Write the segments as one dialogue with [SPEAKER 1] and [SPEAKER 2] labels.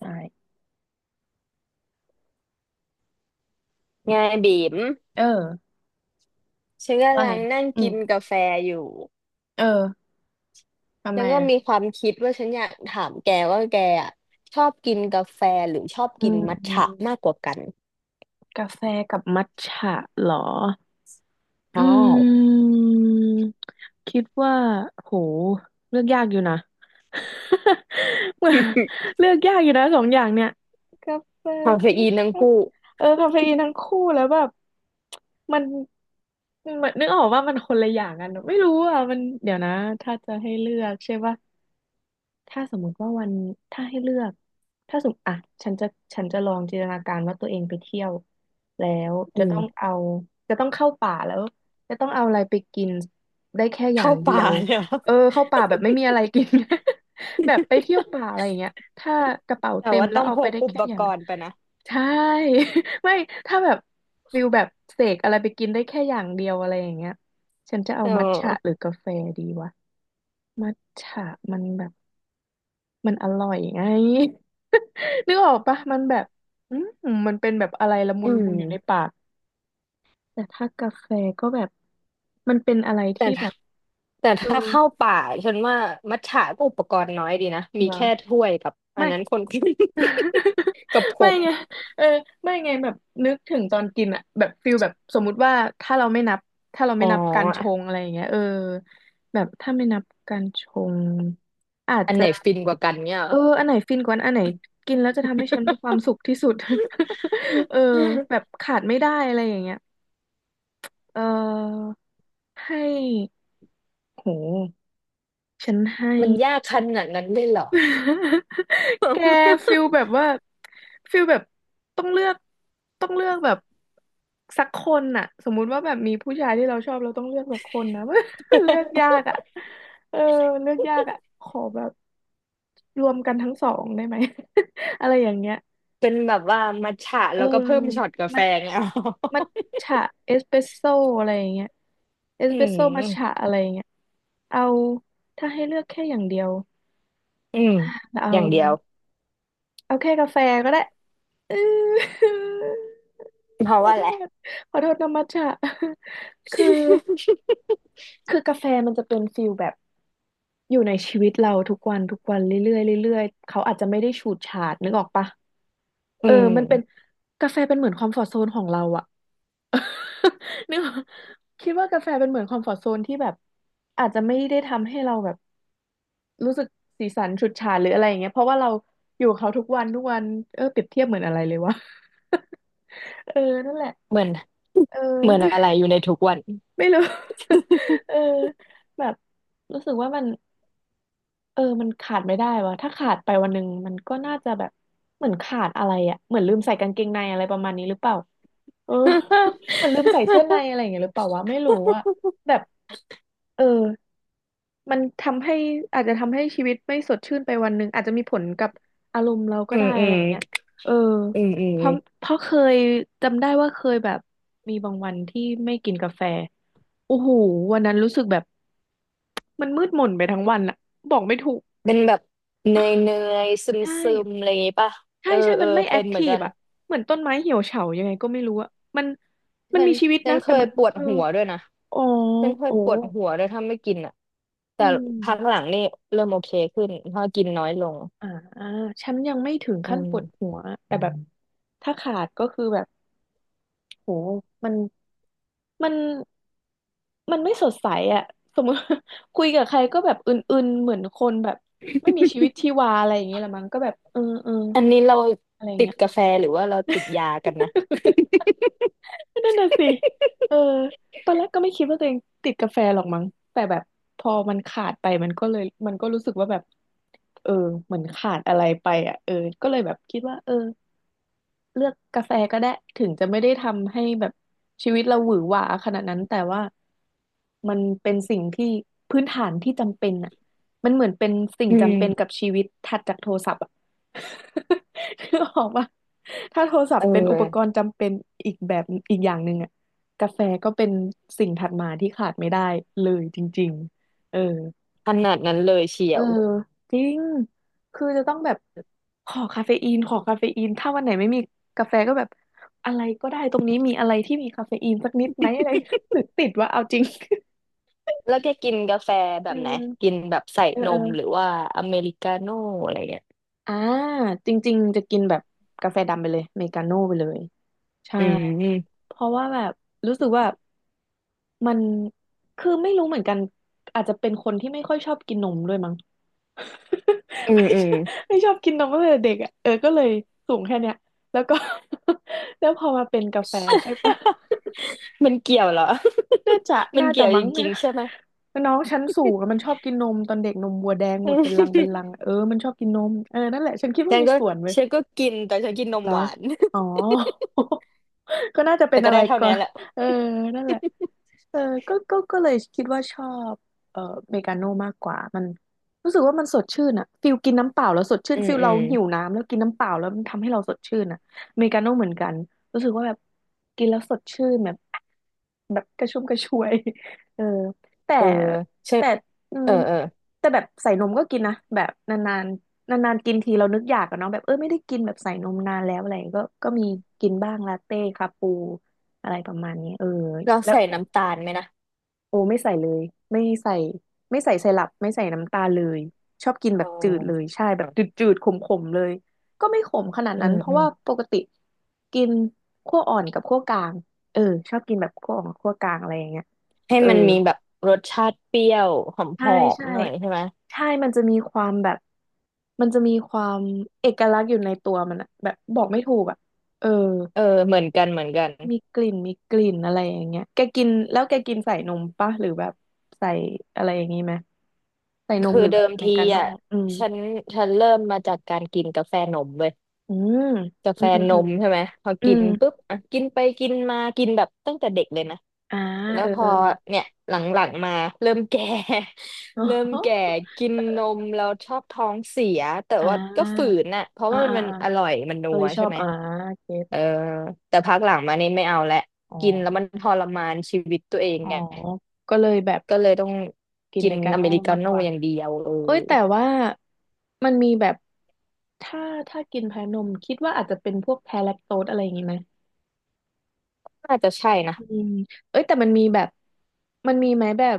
[SPEAKER 1] ใช่
[SPEAKER 2] ไงบีม
[SPEAKER 1] เออ
[SPEAKER 2] ฉัน
[SPEAKER 1] ว่า
[SPEAKER 2] กำ
[SPEAKER 1] อะไร
[SPEAKER 2] ลังนั่ง
[SPEAKER 1] อื
[SPEAKER 2] กิ
[SPEAKER 1] ม
[SPEAKER 2] นกาแฟอยู่
[SPEAKER 1] เออทำ
[SPEAKER 2] ฉั
[SPEAKER 1] ไม
[SPEAKER 2] นก็
[SPEAKER 1] อ่ะ
[SPEAKER 2] มีความคิดว่าฉันอยากถามแกว่าแกอะชอบกินกาแฟหรือชอบ
[SPEAKER 1] อื
[SPEAKER 2] กินมัทฉะ
[SPEAKER 1] ม
[SPEAKER 2] มากกว่ากัน
[SPEAKER 1] กาแฟกับมัทฉะเหรออื
[SPEAKER 2] ใช่
[SPEAKER 1] มคิดว่าโหเลือกยากอยู่นะ เหมือน เลือกยากอยู่นะสองอย่างเนี่ยกาแฟ
[SPEAKER 2] คาเฟ
[SPEAKER 1] ก็
[SPEAKER 2] อีน
[SPEAKER 1] ช
[SPEAKER 2] ทั้ง
[SPEAKER 1] อบ
[SPEAKER 2] คู่
[SPEAKER 1] เออคาเฟอีนทั้งคู่แล้วแบบมันมันนึกออกว่ามันคนละอย่างกันไม่รู้อ่ะมันเดี๋ยวนะถ้าจะให้เลือกใช่ปะ ถ้าสมมุติว่าวันถ้าให้เลือกถ้าสมมติอ่ะฉันจะฉันจะลองจินตนาการว่าตัวเองไปเที่ยวแล้ว
[SPEAKER 2] อื
[SPEAKER 1] จะต้อง
[SPEAKER 2] ม
[SPEAKER 1] เอาจะต้องเข้าป่าแล้วจะต้องเอาอะไรไปกินได้แค่อย่า
[SPEAKER 2] เข้า
[SPEAKER 1] งเดี
[SPEAKER 2] ป่า
[SPEAKER 1] ยว
[SPEAKER 2] เลยเหรอ
[SPEAKER 1] เออเข้าป่าแบบไม่มีอะไรกิน แบบไปเที่ยวป่าอะไรอย่างเงี้ยถ้ากระเป๋า
[SPEAKER 2] แต่
[SPEAKER 1] เต็ม
[SPEAKER 2] ว่า
[SPEAKER 1] แล้ว
[SPEAKER 2] ต้อง
[SPEAKER 1] เอา
[SPEAKER 2] พ
[SPEAKER 1] ไป
[SPEAKER 2] ก
[SPEAKER 1] ได้
[SPEAKER 2] อุ
[SPEAKER 1] แค่
[SPEAKER 2] ป
[SPEAKER 1] อย่า
[SPEAKER 2] ก
[SPEAKER 1] ง
[SPEAKER 2] รณ์ไปนะ
[SPEAKER 1] ใช่ ไม่ถ้าแบบฟิลแบบเสกอะไรไปกินได้แค่อย่างเดียวอะไรอย่างเงี้ยฉันจะเอา
[SPEAKER 2] เอ
[SPEAKER 1] มัทฉะหรือ
[SPEAKER 2] อ
[SPEAKER 1] กาแฟดีวะมัทฉะมันแบบ มันอร่อยไง นึกออกปะมันแบบอืมมันเป็นแบบอะไรละมุ
[SPEAKER 2] อื
[SPEAKER 1] นละมุ
[SPEAKER 2] ม
[SPEAKER 1] นอยู่ในปากแต่ถ้ากาแฟก็แบบมันเป็นอะไร
[SPEAKER 2] แต่
[SPEAKER 1] ที่แบ
[SPEAKER 2] ถ้า
[SPEAKER 1] บ
[SPEAKER 2] แต่
[SPEAKER 1] เออ
[SPEAKER 2] ถ้าเข้าป่าฉันว่ามัทฉะก็อุปกรณ์น้อยดีนะมี
[SPEAKER 1] เหร
[SPEAKER 2] แค่
[SPEAKER 1] อ
[SPEAKER 2] ถ้วยกับอั
[SPEAKER 1] ไม่
[SPEAKER 2] นนั้นคน กับ ผ
[SPEAKER 1] ไม่
[SPEAKER 2] ง
[SPEAKER 1] ไงเออไม่ไงแบบนึกถึงตอนกินอะแบบฟิลแบบสมมุติว่าถ้าเราไม่นับถ้าเรา
[SPEAKER 2] อ๋
[SPEAKER 1] ไม่นับการช
[SPEAKER 2] อ
[SPEAKER 1] งอะไรอย่างเงี้ยเออแบบถ้าไม่นับการชงอาจ
[SPEAKER 2] อัน
[SPEAKER 1] จะ
[SPEAKER 2] ไหนฟินกว่ากันเนี่ยเหร
[SPEAKER 1] เอ
[SPEAKER 2] อ
[SPEAKER 1] ออันไหนฟินกว่าอันไหนกินแล้วจะทำให้ฉันมีความสุขที่สุด เออแบ บขาดไม่ได้อะไรอย่างเงี้ยเออให้โหฉันให้
[SPEAKER 2] มันยากขนาดนั้นเลยเหรอ
[SPEAKER 1] แกฟิล แบบว่าฟิลแบบต้องเลือกต้องเลือกแบบสักคนน่ะสมมุติว่าแบบมีผู้ชายที่เราชอบเราต้องเลือกสักคนนะ เลือกยากอ่ะเออเลือกยากอ่ะขอแบบรวมกันทั้งสองได้ไหม อะไรอย่างเงี้ย
[SPEAKER 2] เป็นแบบว่ามัทฉะ
[SPEAKER 1] เออ
[SPEAKER 2] แล้วก็เพิ่มช็อตกา
[SPEAKER 1] มั
[SPEAKER 2] แฟ
[SPEAKER 1] ท
[SPEAKER 2] ไงเอา
[SPEAKER 1] มัทฉะเอสเปรสโซ่อะไรอย่างเงี้ยเอ ส
[SPEAKER 2] อื
[SPEAKER 1] เปรสโซ่มัทฉะ
[SPEAKER 2] ม
[SPEAKER 1] อะไรอย่างเงี้ยเอาถ้าให้เลือกแค่อย่างเดียว
[SPEAKER 2] อืม
[SPEAKER 1] เอา
[SPEAKER 2] อย่างเดียว
[SPEAKER 1] เอาแค่กาแฟก็ได้ เออ
[SPEAKER 2] เพ
[SPEAKER 1] ข
[SPEAKER 2] ราะ
[SPEAKER 1] อ
[SPEAKER 2] ว่า
[SPEAKER 1] โท
[SPEAKER 2] แหละ
[SPEAKER 1] ษ
[SPEAKER 2] ไร
[SPEAKER 1] ขอโทษนะมัทฉะ คือคือกาแฟมันจะเป็นฟิลแบบอยู่ในชีวิตเราทุกวันทุกวันเรื่อยๆเรื่อยๆเขาอาจจะไม่ได้ฉูดฉาดนึกออกปะ
[SPEAKER 2] อื
[SPEAKER 1] เออ
[SPEAKER 2] ม
[SPEAKER 1] มันเป็นกาแฟเป็นเหมือนคอมฟอร์ z โซนของเราอะ นึกว่าคิดว่ากาแฟเป็นเหมือนคอมฟอร์ z โซนที่แบบอาจจะไม่ได้ทำให้เราแบบรู้สึกสีสันฉูดฉาดหรืออะไรอย่างเงี้ยเพราะว่าเราอยู่กับเขาทุกวันทุกวันเออเปรียบเทียบเหมือนอะไรเลยวะ เออนั่นแหละ
[SPEAKER 2] เหมือน
[SPEAKER 1] เออ
[SPEAKER 2] เหมือนอะ ไรอยู่ในทุกวัน
[SPEAKER 1] ไม่รู้ เออแบบรู้สึกว่ามันเออมันขาดไม่ได้วะถ้าขาดไปวันหนึ่งมันก็น่าจะแบบเหมือนขาดอะไรอะเหมือนลืมใส่กางเกงในอะไรประมาณนี้หรือเปล่า เออ เหมันลืมใส่เสื้อใน อะไรอย่างเงี้ยหรือเปล่าวะไม่รู้อะแบบเออมันทำให้อาจจะทำให้ชีวิตไม่สดชื่นไปวันหนึ่งอาจจะมีผลกับอารมณ์เราก็
[SPEAKER 2] อื
[SPEAKER 1] ได้
[SPEAKER 2] มอื
[SPEAKER 1] อะไร
[SPEAKER 2] ม
[SPEAKER 1] อย่างเงี้ยเออ
[SPEAKER 2] อืมอืม
[SPEAKER 1] เพราะเพราะเคยจำได้ว่าเคยแบบมีบางวันที่ไม่กินกาแฟโอ้โหวันนั้นรู้สึกแบบมันมืดหม่นไปทั้งวันอะบอกไม่ถูก
[SPEAKER 2] เป็นแบบเนยซึม
[SPEAKER 1] ใช่
[SPEAKER 2] ซึมๆอะไรอย่างงี้ป่ะ
[SPEAKER 1] ใช่
[SPEAKER 2] เออ
[SPEAKER 1] ใช่
[SPEAKER 2] เออ
[SPEAKER 1] มันไม่แอ
[SPEAKER 2] เป็
[SPEAKER 1] ค
[SPEAKER 2] นเหมื
[SPEAKER 1] ที
[SPEAKER 2] อน
[SPEAKER 1] ฟ
[SPEAKER 2] กัน
[SPEAKER 1] อะเหมือนต้นไม้เหี่ยวเฉายังไงก็ไม่รู้อะมันมัน
[SPEAKER 2] ฉัน
[SPEAKER 1] มีชีวิต
[SPEAKER 2] ฉั
[SPEAKER 1] นะ
[SPEAKER 2] นเค
[SPEAKER 1] แต่
[SPEAKER 2] ย
[SPEAKER 1] มัน
[SPEAKER 2] ปวด
[SPEAKER 1] เออ
[SPEAKER 2] หัวด้วยนะ
[SPEAKER 1] อ๋อ
[SPEAKER 2] ฉันเคย
[SPEAKER 1] โอ้
[SPEAKER 2] ปวดหัวด้วยถ้าไม่กินอ่ะ
[SPEAKER 1] อื
[SPEAKER 2] แต่พักห
[SPEAKER 1] ม
[SPEAKER 2] ลังนี่เริ่มโอเคขึ้นเพราะกินน้อยลง
[SPEAKER 1] อ่าฉันยังไม่ถึง
[SPEAKER 2] อื
[SPEAKER 1] ขั้นป
[SPEAKER 2] ม
[SPEAKER 1] วดหัวแต่แบบถ้าขาดก็คือแบบโหมันมันมันไม่สดใสอะสมมติ คุยกับใครก็แบบอื่นๆเหมือนคนแบบไม่มีชีวิตชีวาอะไรอย่างเงี้ยละมั้งก็แบบเออเออ
[SPEAKER 2] อันนี้เรา
[SPEAKER 1] อะไร
[SPEAKER 2] ติ
[SPEAKER 1] เงี้
[SPEAKER 2] ด
[SPEAKER 1] ย
[SPEAKER 2] กาแฟหรือว่าเราติดยากันนะ
[SPEAKER 1] นั่นน่ะสิ เออตอนแรกก็ไม่คิดว่าตัวเองติดกาแฟหรอกมั้งแต่แบบพอมันขาดไปมันก็เลยมันก็รู้สึกว่าแบบเออเหมือนขาดอะไรไปอ่ะเออก็เลยแบบคิดว่าเออ เลือกกาแฟก็ได้ถึงจะไม่ได้ทำให้แบบชีวิตเราหวือหวาขนาดนั้นแต่ว่ามันเป็นสิ่งที่พื้นฐานที่จำเป็นอ่ะมันเหมือนเป็นสิ่ง
[SPEAKER 2] อื
[SPEAKER 1] จำเป็นกั
[SPEAKER 2] ม
[SPEAKER 1] บชีวิตถัดจากโทรศัพท์อ่ะ คือออกว่าถ้าโทรศัพ
[SPEAKER 2] เออ
[SPEAKER 1] ท์เป็นอุปกรณ์จำเป็นอีกแบบอีกอย่างหนึ่งอ่ะกาแฟก็เป็นสิ่งถัดมาที่ขาดไม่ได้เลยจริงๆเออ
[SPEAKER 2] ขนาดนั้นเลยเชี
[SPEAKER 1] เอ
[SPEAKER 2] ย
[SPEAKER 1] อ
[SPEAKER 2] ว
[SPEAKER 1] จริงคือจะต้องแบบขอคาเฟอีนถ้าวันไหนไม่มีกาแฟก็แบบ อะไรก็ได้ตรงนี้มีอะไรที่มีคาเฟอีนสักนิดไหมอะไร หรือติดว่าเอาจริง
[SPEAKER 2] แล้วแกกินกาแฟแบ
[SPEAKER 1] เอ
[SPEAKER 2] บไหน
[SPEAKER 1] อ
[SPEAKER 2] กินแบบใส่
[SPEAKER 1] เออ
[SPEAKER 2] น
[SPEAKER 1] เออ
[SPEAKER 2] มหรือว่าอเมริกาโน่อะไรเงี้ย
[SPEAKER 1] อ่าจริงๆจะกินแบบกาแฟดำไปเลยเมกาโน่ไปเลยใช่
[SPEAKER 2] อืมอื
[SPEAKER 1] เพราะว่าแบบรู้สึกว่ามันคือไม่รู้เหมือนกันอาจจะเป็นคนที่ไม่ค่อยชอบกินนมด้วยมั้ง
[SPEAKER 2] ม
[SPEAKER 1] ไม่
[SPEAKER 2] อื
[SPEAKER 1] ช
[SPEAKER 2] ม
[SPEAKER 1] อบไม่ชอบกินนมตั้งแต่เด็กอ่ะเออก็เลยสูงแค่เนี้ยแล้วก็ แล้วพอมาเป็นกาแฟใช่ปะ
[SPEAKER 2] มันเกี่ยวเหรอ
[SPEAKER 1] น่าจะ
[SPEAKER 2] มัน
[SPEAKER 1] น่าจะ
[SPEAKER 2] เกี่ยวจ
[SPEAKER 1] มั้ง
[SPEAKER 2] ริ
[SPEAKER 1] นะ
[SPEAKER 2] งๆใช่ไหม
[SPEAKER 1] น้องชั้นสูงอะมันชอบกินนมตอนเด็กนมวัวแดงห
[SPEAKER 2] อื
[SPEAKER 1] มดเป็นลังเป็นลั
[SPEAKER 2] ม
[SPEAKER 1] งเออมันชอบกินนมเออนั่นแหละฉันคิด ว่า
[SPEAKER 2] ฉัน
[SPEAKER 1] มี
[SPEAKER 2] ก็
[SPEAKER 1] ส่วนเว้ย
[SPEAKER 2] ฉันก็กินแต่ฉันกินน
[SPEAKER 1] เห
[SPEAKER 2] ม
[SPEAKER 1] รอ
[SPEAKER 2] หวาน
[SPEAKER 1] อ๋อ ก็น่าจะเป็
[SPEAKER 2] แต่
[SPEAKER 1] น
[SPEAKER 2] ก็
[SPEAKER 1] อะไร
[SPEAKER 2] ได้เท่า
[SPEAKER 1] ก่อ
[SPEAKER 2] นี้
[SPEAKER 1] น
[SPEAKER 2] แหละ
[SPEAKER 1] เออนั่นแหละเออก็เลยคิดว่าชอบเอ่อเมกาโน่มากกว่ามันรู้สึกว่ามันสดชื่นอะฟิลกินน้ำเปล่าแล้วสดชื่
[SPEAKER 2] อื
[SPEAKER 1] น
[SPEAKER 2] ม
[SPEAKER 1] ฟิล
[SPEAKER 2] อื
[SPEAKER 1] เรา
[SPEAKER 2] ม
[SPEAKER 1] หิวน้ำแล้วกินน้ำเปล่าแล้วมันทำให้เราสดชื่นอะเมกาโน่เหมือนกันรู้สึกว่าแบบกินแล้วสดชื่นแบบแบบกระชุ่มกระชวยเออแต่
[SPEAKER 2] เออฉัน
[SPEAKER 1] แต่อื
[SPEAKER 2] เอ
[SPEAKER 1] ม
[SPEAKER 2] อเออ
[SPEAKER 1] แต่แบบใส่นมก็กินนะแบบนาน นานๆกินทีเรานึกอยากอะเนาะแบบเออไม่ได้กินแบบใส่นมนานแล้วอะไรอย่างเงี้ยก็มีกินบ้างลาเต้คาปูอะไรประมาณนี้เออ
[SPEAKER 2] เรา
[SPEAKER 1] แล้ว
[SPEAKER 2] ใส่น้ำตาลไหมนะ
[SPEAKER 1] โอไม่ใส่เลยไม่ใส่ไม่ใส่ไซรัปไม่ใส่น้ำตาลเลยชอบกิน
[SPEAKER 2] เ
[SPEAKER 1] แบบจืดเลย
[SPEAKER 2] ออ
[SPEAKER 1] ใช่แบบจืดๆขมๆเลยก็ไม่ขมขนาด
[SPEAKER 2] อื
[SPEAKER 1] นั้น
[SPEAKER 2] ม
[SPEAKER 1] เพ
[SPEAKER 2] อื
[SPEAKER 1] ราะ
[SPEAKER 2] ม
[SPEAKER 1] ว่าปกติกินคั่วอ่อนกับคั่วกลางเออชอบกินแบบคั่วอ่อนกับคั่วกลางอะไรอย่างเงี้ย
[SPEAKER 2] ให้
[SPEAKER 1] เออ
[SPEAKER 2] มันมีแบบรสชาติเปรี้ยวหอ
[SPEAKER 1] ใช่
[SPEAKER 2] ม
[SPEAKER 1] ใช่
[SPEAKER 2] ๆหน่อยใช่ไหม
[SPEAKER 1] ใช่มันจะมีความแบบมันจะมีความเอกลักษณ์อยู่ในตัวมันอะแบบบอกไม่ถูกอะเออ
[SPEAKER 2] เออเหมือนกันเหมือนกัน
[SPEAKER 1] มีกลิ่นมีกลิ่นอะไรอย่างเงี้ยแกกินแล้วแกกินใส่นมปะหรือแบบใส่อะไรอย่างงี้ไหมใส่นม
[SPEAKER 2] คื
[SPEAKER 1] ห
[SPEAKER 2] อ
[SPEAKER 1] รือ
[SPEAKER 2] เดิ
[SPEAKER 1] แบบ
[SPEAKER 2] ม
[SPEAKER 1] อเม
[SPEAKER 2] ที
[SPEAKER 1] ริกาโน่
[SPEAKER 2] อ่ะ
[SPEAKER 1] อืม
[SPEAKER 2] ฉันฉันเริ่มมาจากการกินกาแฟนมเว้ย
[SPEAKER 1] อืม
[SPEAKER 2] กา
[SPEAKER 1] อื
[SPEAKER 2] แฟ
[SPEAKER 1] มอืม
[SPEAKER 2] น
[SPEAKER 1] อืม
[SPEAKER 2] มใช่ไหมพอ
[SPEAKER 1] อื
[SPEAKER 2] กิน
[SPEAKER 1] ม
[SPEAKER 2] ปุ๊บอ่ะกินไปกินมากินแบบตั้งแต่เด็กเลยนะ
[SPEAKER 1] อ่า
[SPEAKER 2] แล้ว
[SPEAKER 1] เออ
[SPEAKER 2] พ
[SPEAKER 1] เอ
[SPEAKER 2] อ
[SPEAKER 1] อ
[SPEAKER 2] เนี่ยหลังๆมาเริ่มแก่
[SPEAKER 1] อ๋
[SPEAKER 2] เริ่ม
[SPEAKER 1] อ
[SPEAKER 2] แก่กินนมเราชอบท้องเสียแต่
[SPEAKER 1] อ่
[SPEAKER 2] ว่าก็ฝื
[SPEAKER 1] า
[SPEAKER 2] นน่ะเพราะ
[SPEAKER 1] อ่า
[SPEAKER 2] ว่ามัน
[SPEAKER 1] อ่า
[SPEAKER 2] มัน
[SPEAKER 1] อ่า
[SPEAKER 2] อร่อยมันนั
[SPEAKER 1] เออ
[SPEAKER 2] ว
[SPEAKER 1] ชอ
[SPEAKER 2] ใช่
[SPEAKER 1] บ
[SPEAKER 2] ไหม
[SPEAKER 1] อ่าเก็ต
[SPEAKER 2] เออแต่พักหลังมานี่ไม่เอาและ
[SPEAKER 1] อ๋อ
[SPEAKER 2] กินแล้วมันทรมานชีวิตตัวเอง
[SPEAKER 1] อ๋อ
[SPEAKER 2] ไง
[SPEAKER 1] ก็เลยแบบ
[SPEAKER 2] ก็เลยต้อง
[SPEAKER 1] กินอ
[SPEAKER 2] กิ
[SPEAKER 1] เม
[SPEAKER 2] น
[SPEAKER 1] ริกา
[SPEAKER 2] อ
[SPEAKER 1] โน่
[SPEAKER 2] เมริกา
[SPEAKER 1] มาก
[SPEAKER 2] โน่
[SPEAKER 1] กว่า
[SPEAKER 2] อย่างเดียวเอ
[SPEAKER 1] เอ้
[SPEAKER 2] อ
[SPEAKER 1] ยแต่ว่ามันมีแบบถ้าถ้ากินแพ้นมคิดว่าอาจจะเป็นพวกแพ้แลคโตสอะไรอย่างงี้ไหม
[SPEAKER 2] น่าจะใช่นะ
[SPEAKER 1] อืมเอ้ยแต่มันมีแบบมันมีไหมแบบ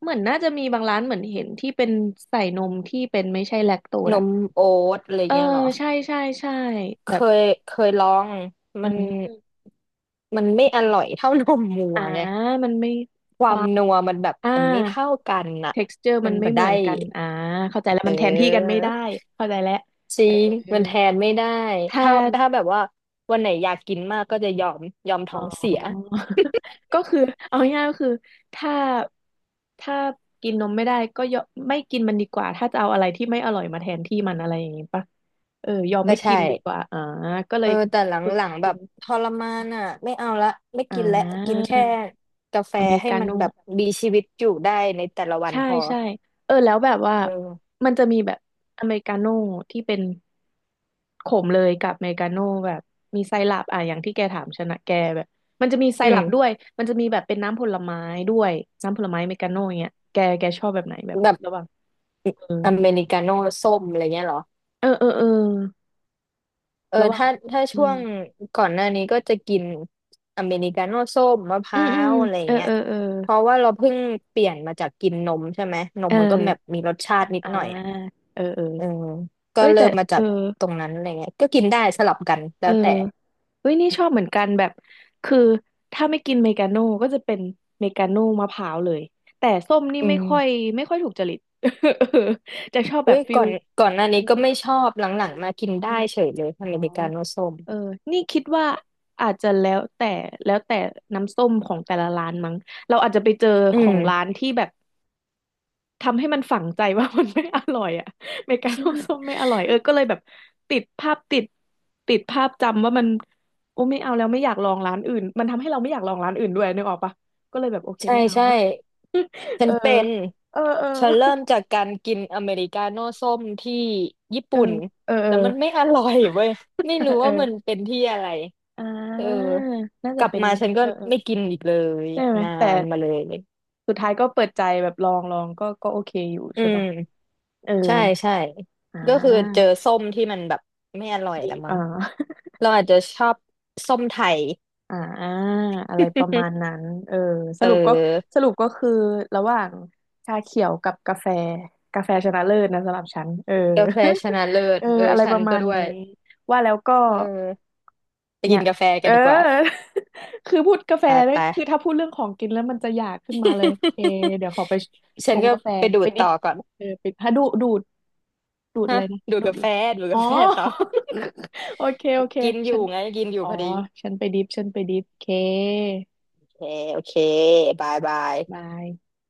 [SPEAKER 1] เหมือนน่าจะมีบางร้านเหมือนเห็นที่เป็นใส่นมที่เป็นไม่ใช่แลคโตส
[SPEAKER 2] น
[SPEAKER 1] อะ
[SPEAKER 2] มโอ๊ตอะไร
[SPEAKER 1] เออ
[SPEAKER 2] เงี้ยเหรอ
[SPEAKER 1] ใช่ใช่ใช่
[SPEAKER 2] เค
[SPEAKER 1] แบบ
[SPEAKER 2] ยเคยลอง
[SPEAKER 1] อื
[SPEAKER 2] มัน
[SPEAKER 1] ม
[SPEAKER 2] มันไม่อร่อยเท่านมวัว
[SPEAKER 1] อ่า
[SPEAKER 2] ไง
[SPEAKER 1] มันไม่
[SPEAKER 2] ค
[SPEAKER 1] ค
[SPEAKER 2] วา
[SPEAKER 1] วา
[SPEAKER 2] ม
[SPEAKER 1] ม
[SPEAKER 2] นัวมันแบบ
[SPEAKER 1] อ่า
[SPEAKER 2] มันไม่เท่ากันน่ะ
[SPEAKER 1] texture
[SPEAKER 2] มั
[SPEAKER 1] มั
[SPEAKER 2] น
[SPEAKER 1] นไม่
[SPEAKER 2] บ่
[SPEAKER 1] เหมือ
[SPEAKER 2] ได้
[SPEAKER 1] นกันอ่าเข้าใจแล้ว
[SPEAKER 2] เ
[SPEAKER 1] มันแทนที่กัน
[SPEAKER 2] ออ
[SPEAKER 1] ไม่ได้เข้าใจแล้ว
[SPEAKER 2] จริง
[SPEAKER 1] เออ
[SPEAKER 2] มันแทนไม่ได้
[SPEAKER 1] ถ้า
[SPEAKER 2] ถ้าแบบว่าวันไหนอยากกินมากก็จะยอมยอม
[SPEAKER 1] อ๋
[SPEAKER 2] ท้
[SPEAKER 1] อ
[SPEAKER 2] องเสีย
[SPEAKER 1] ก็คือเอาง่ายๆก็คือถ้าถ้ากินนมไม่ได้ก็ยอมไม่กินมันดีกว่าถ้าจะเอาอะไรที่ไม่อร่อยมาแทนที่มันอะไรอย่างงี้ปะเออยอม
[SPEAKER 2] ก็
[SPEAKER 1] ไม่กิ
[SPEAKER 2] ใช่
[SPEAKER 1] นดีกว่าอ่าก็เล
[SPEAKER 2] เออ
[SPEAKER 1] ย
[SPEAKER 2] แต่หล
[SPEAKER 1] ฝึก
[SPEAKER 2] ังๆแบ
[SPEAKER 1] กิน
[SPEAKER 2] บทรมานอ่ะไม่เอาละไม่
[SPEAKER 1] อ่
[SPEAKER 2] กินละกิน
[SPEAKER 1] า
[SPEAKER 2] แค่กาแฟ
[SPEAKER 1] อเมริ
[SPEAKER 2] ให้
[SPEAKER 1] กา
[SPEAKER 2] มัน
[SPEAKER 1] โน่
[SPEAKER 2] แบบมีชีวิตอยู่ได้ในแต่ละวัน
[SPEAKER 1] ใช่
[SPEAKER 2] พอ
[SPEAKER 1] ใช่เออแล้วแบบว่า
[SPEAKER 2] เออ
[SPEAKER 1] มันจะมีแบบอเมริกาโน่ที่เป็นขมเลยกับอเมริกาโน่แบบมีไซรัปอ่ะอย่างที่แกถามชนะแกแบบมันจะมีไซ
[SPEAKER 2] อื
[SPEAKER 1] รัปด้วย
[SPEAKER 2] ม
[SPEAKER 1] มันจะมีแบบเป็นน้ำผลไม้ด้วยน้ำผลไม้อเมริกาโน่อย่างเงี้ยแกแกชอบแบบไหนแบบ
[SPEAKER 2] แบบ
[SPEAKER 1] ระหว่างเออ
[SPEAKER 2] อเมริกาโน่ส้มอะไรเงี้ยเหรอ
[SPEAKER 1] เออเออเออ
[SPEAKER 2] เออ
[SPEAKER 1] ระหว่าง
[SPEAKER 2] ถ้า
[SPEAKER 1] อื
[SPEAKER 2] ช่ว
[SPEAKER 1] ม
[SPEAKER 2] งก่อนหน้านี้ก็จะกินอเมริกาโน่ส้มมะพ
[SPEAKER 1] อื
[SPEAKER 2] ร้า
[SPEAKER 1] มอืม
[SPEAKER 2] วอะไร
[SPEAKER 1] เออ
[SPEAKER 2] เงี้ย
[SPEAKER 1] เออเออ
[SPEAKER 2] เพราะว่าเราเพิ่งเปลี่ยนมาจากกินนมใช่ไหมน
[SPEAKER 1] เอ
[SPEAKER 2] มมันก็แบบ
[SPEAKER 1] อ
[SPEAKER 2] มีรสชาตินิด
[SPEAKER 1] อ่า
[SPEAKER 2] หน่อยอ่ะ
[SPEAKER 1] เออเออ
[SPEAKER 2] เออก็
[SPEAKER 1] เอ้ย
[SPEAKER 2] เริ่
[SPEAKER 1] แต่
[SPEAKER 2] มมา
[SPEAKER 1] เอ
[SPEAKER 2] จา
[SPEAKER 1] อ
[SPEAKER 2] กตรงนั้นอะไรเงี้ยก็กินได้สลับกันแล้
[SPEAKER 1] เออ
[SPEAKER 2] วแต่
[SPEAKER 1] เฮ้ยนี่ชอบเหมือนกันแบบคือถ้าไม่กินเมกาโน่ก็จะเป็นเมกาโน่มะพร้าวเลยแต่ส้มนี่
[SPEAKER 2] อื
[SPEAKER 1] ไม่
[SPEAKER 2] ม
[SPEAKER 1] ค่อยไม่ค่อยถูกจริต เออจะชอบแบ
[SPEAKER 2] อุ้
[SPEAKER 1] บ
[SPEAKER 2] ย
[SPEAKER 1] ฟิ
[SPEAKER 2] ก่
[SPEAKER 1] ล
[SPEAKER 2] อนก่อนหน้านี้ก็ไม่ชอบหลังๆมากิน
[SPEAKER 1] อื
[SPEAKER 2] ได้
[SPEAKER 1] ม
[SPEAKER 2] เฉยเลย
[SPEAKER 1] อ๋
[SPEAKER 2] อ
[SPEAKER 1] อ
[SPEAKER 2] เมริกาโน่ส้ม
[SPEAKER 1] เออนี่คิดว่าอาจจะแล้วแต่แล้วแต่น้ำส้มของแต่ละร้านมั้งเราอาจจะไปเจอ
[SPEAKER 2] อื
[SPEAKER 1] ขอ
[SPEAKER 2] ม
[SPEAKER 1] งร้านที่แบบ ทำให้มันฝังใจว่า มันไม่อร่อยอะเมกาโนส้ม
[SPEAKER 2] ใ
[SPEAKER 1] ไม่อร่อยเออก็เลยแบบติดภาพติดติดภาพจำว่ามันโอ้ไม่เอาแล้วไม่อยากลองร้านอื่นมันทำให้เราไม่อยากลองร้านอื่นด้วยนึกออกปะก็เลยแบบโอเค
[SPEAKER 2] ช่
[SPEAKER 1] ไม่เอา
[SPEAKER 2] ใช่ ฉั
[SPEAKER 1] เอ
[SPEAKER 2] น
[SPEAKER 1] อ
[SPEAKER 2] เป็น
[SPEAKER 1] เออเออ
[SPEAKER 2] ฉันเริ่มจากการกินอเมริกาโน่ส้มที่ญี่
[SPEAKER 1] เออ
[SPEAKER 2] ปุ่น
[SPEAKER 1] เออ
[SPEAKER 2] แล้วมันไม่อ
[SPEAKER 1] เ
[SPEAKER 2] ร่อยเว้ยไม่
[SPEAKER 1] อ
[SPEAKER 2] รู้
[SPEAKER 1] อเอ
[SPEAKER 2] ว่า
[SPEAKER 1] อ
[SPEAKER 2] มันเป็นที่อะไร
[SPEAKER 1] อ่
[SPEAKER 2] เออ
[SPEAKER 1] าน่า
[SPEAKER 2] ก
[SPEAKER 1] จะ
[SPEAKER 2] ลับ
[SPEAKER 1] เป็น
[SPEAKER 2] มาฉันก็
[SPEAKER 1] เออเออ
[SPEAKER 2] ไม่กินอีกเลย
[SPEAKER 1] ใช่ไหม
[SPEAKER 2] นา
[SPEAKER 1] แต่
[SPEAKER 2] นมาเลย
[SPEAKER 1] สุดท้ายก็เปิดใจแบบลองลองก็ก็โอเคอยู่
[SPEAKER 2] อื
[SPEAKER 1] ใช่ปะ
[SPEAKER 2] ม
[SPEAKER 1] เออ
[SPEAKER 2] ใช่ใช่
[SPEAKER 1] อ่
[SPEAKER 2] ก็คือเจอ
[SPEAKER 1] า
[SPEAKER 2] ส้มที่มันแบบไม่อร่อย
[SPEAKER 1] ดี
[SPEAKER 2] ละมั้
[SPEAKER 1] อ่า
[SPEAKER 2] งเราอาจจะชอบส้มไทย
[SPEAKER 1] อ่าอะไรประมาณนั้ นเออส
[SPEAKER 2] เอ
[SPEAKER 1] รุปก็
[SPEAKER 2] อ
[SPEAKER 1] สรุปก็คือระหว่างชาเขียวกับกาแฟกาแฟชนะเลิศนะสำหรับฉันเออ
[SPEAKER 2] กาแฟช นะเลิศ
[SPEAKER 1] เออ
[SPEAKER 2] เออ
[SPEAKER 1] อะไร
[SPEAKER 2] ฉั
[SPEAKER 1] ป
[SPEAKER 2] น
[SPEAKER 1] ระมา
[SPEAKER 2] ก็
[SPEAKER 1] ณ
[SPEAKER 2] ด้ว
[SPEAKER 1] นี้
[SPEAKER 2] ย
[SPEAKER 1] ว่าแล้วก็
[SPEAKER 2] เออไป
[SPEAKER 1] เนี่
[SPEAKER 2] กิ
[SPEAKER 1] ย
[SPEAKER 2] นกาแฟ
[SPEAKER 1] เอ
[SPEAKER 2] กัน
[SPEAKER 1] อ
[SPEAKER 2] ดีกว่า
[SPEAKER 1] คือพูดกาแฟ
[SPEAKER 2] ไป
[SPEAKER 1] แล้ว
[SPEAKER 2] ไป
[SPEAKER 1] คือถ้าพูดเรื่องของกินแล้วมันจะอยากขึ้นมาเลยเค เดี๋ยวขอไปช
[SPEAKER 2] ฉัน
[SPEAKER 1] ง
[SPEAKER 2] ก็
[SPEAKER 1] กาแฟ
[SPEAKER 2] ไปดู
[SPEAKER 1] ไป
[SPEAKER 2] ด
[SPEAKER 1] ดิ
[SPEAKER 2] ต่
[SPEAKER 1] บ
[SPEAKER 2] อก่อน
[SPEAKER 1] เออไปถ้าดูดูดดูดอะ
[SPEAKER 2] ฮะ
[SPEAKER 1] ไรนะ
[SPEAKER 2] ดูด
[SPEAKER 1] ดูด
[SPEAKER 2] กาแฟดูด
[SPEAKER 1] อ๋อ
[SPEAKER 2] กาแฟต่อ
[SPEAKER 1] โอเคโอเค
[SPEAKER 2] กินอ
[SPEAKER 1] ฉั
[SPEAKER 2] ยู่
[SPEAKER 1] น
[SPEAKER 2] ไงกินอยู่
[SPEAKER 1] อ๋อ
[SPEAKER 2] พอดี
[SPEAKER 1] ฉันไปดิฟฉันไปดิฟเค
[SPEAKER 2] โอเคโอเคบายบาย
[SPEAKER 1] บาย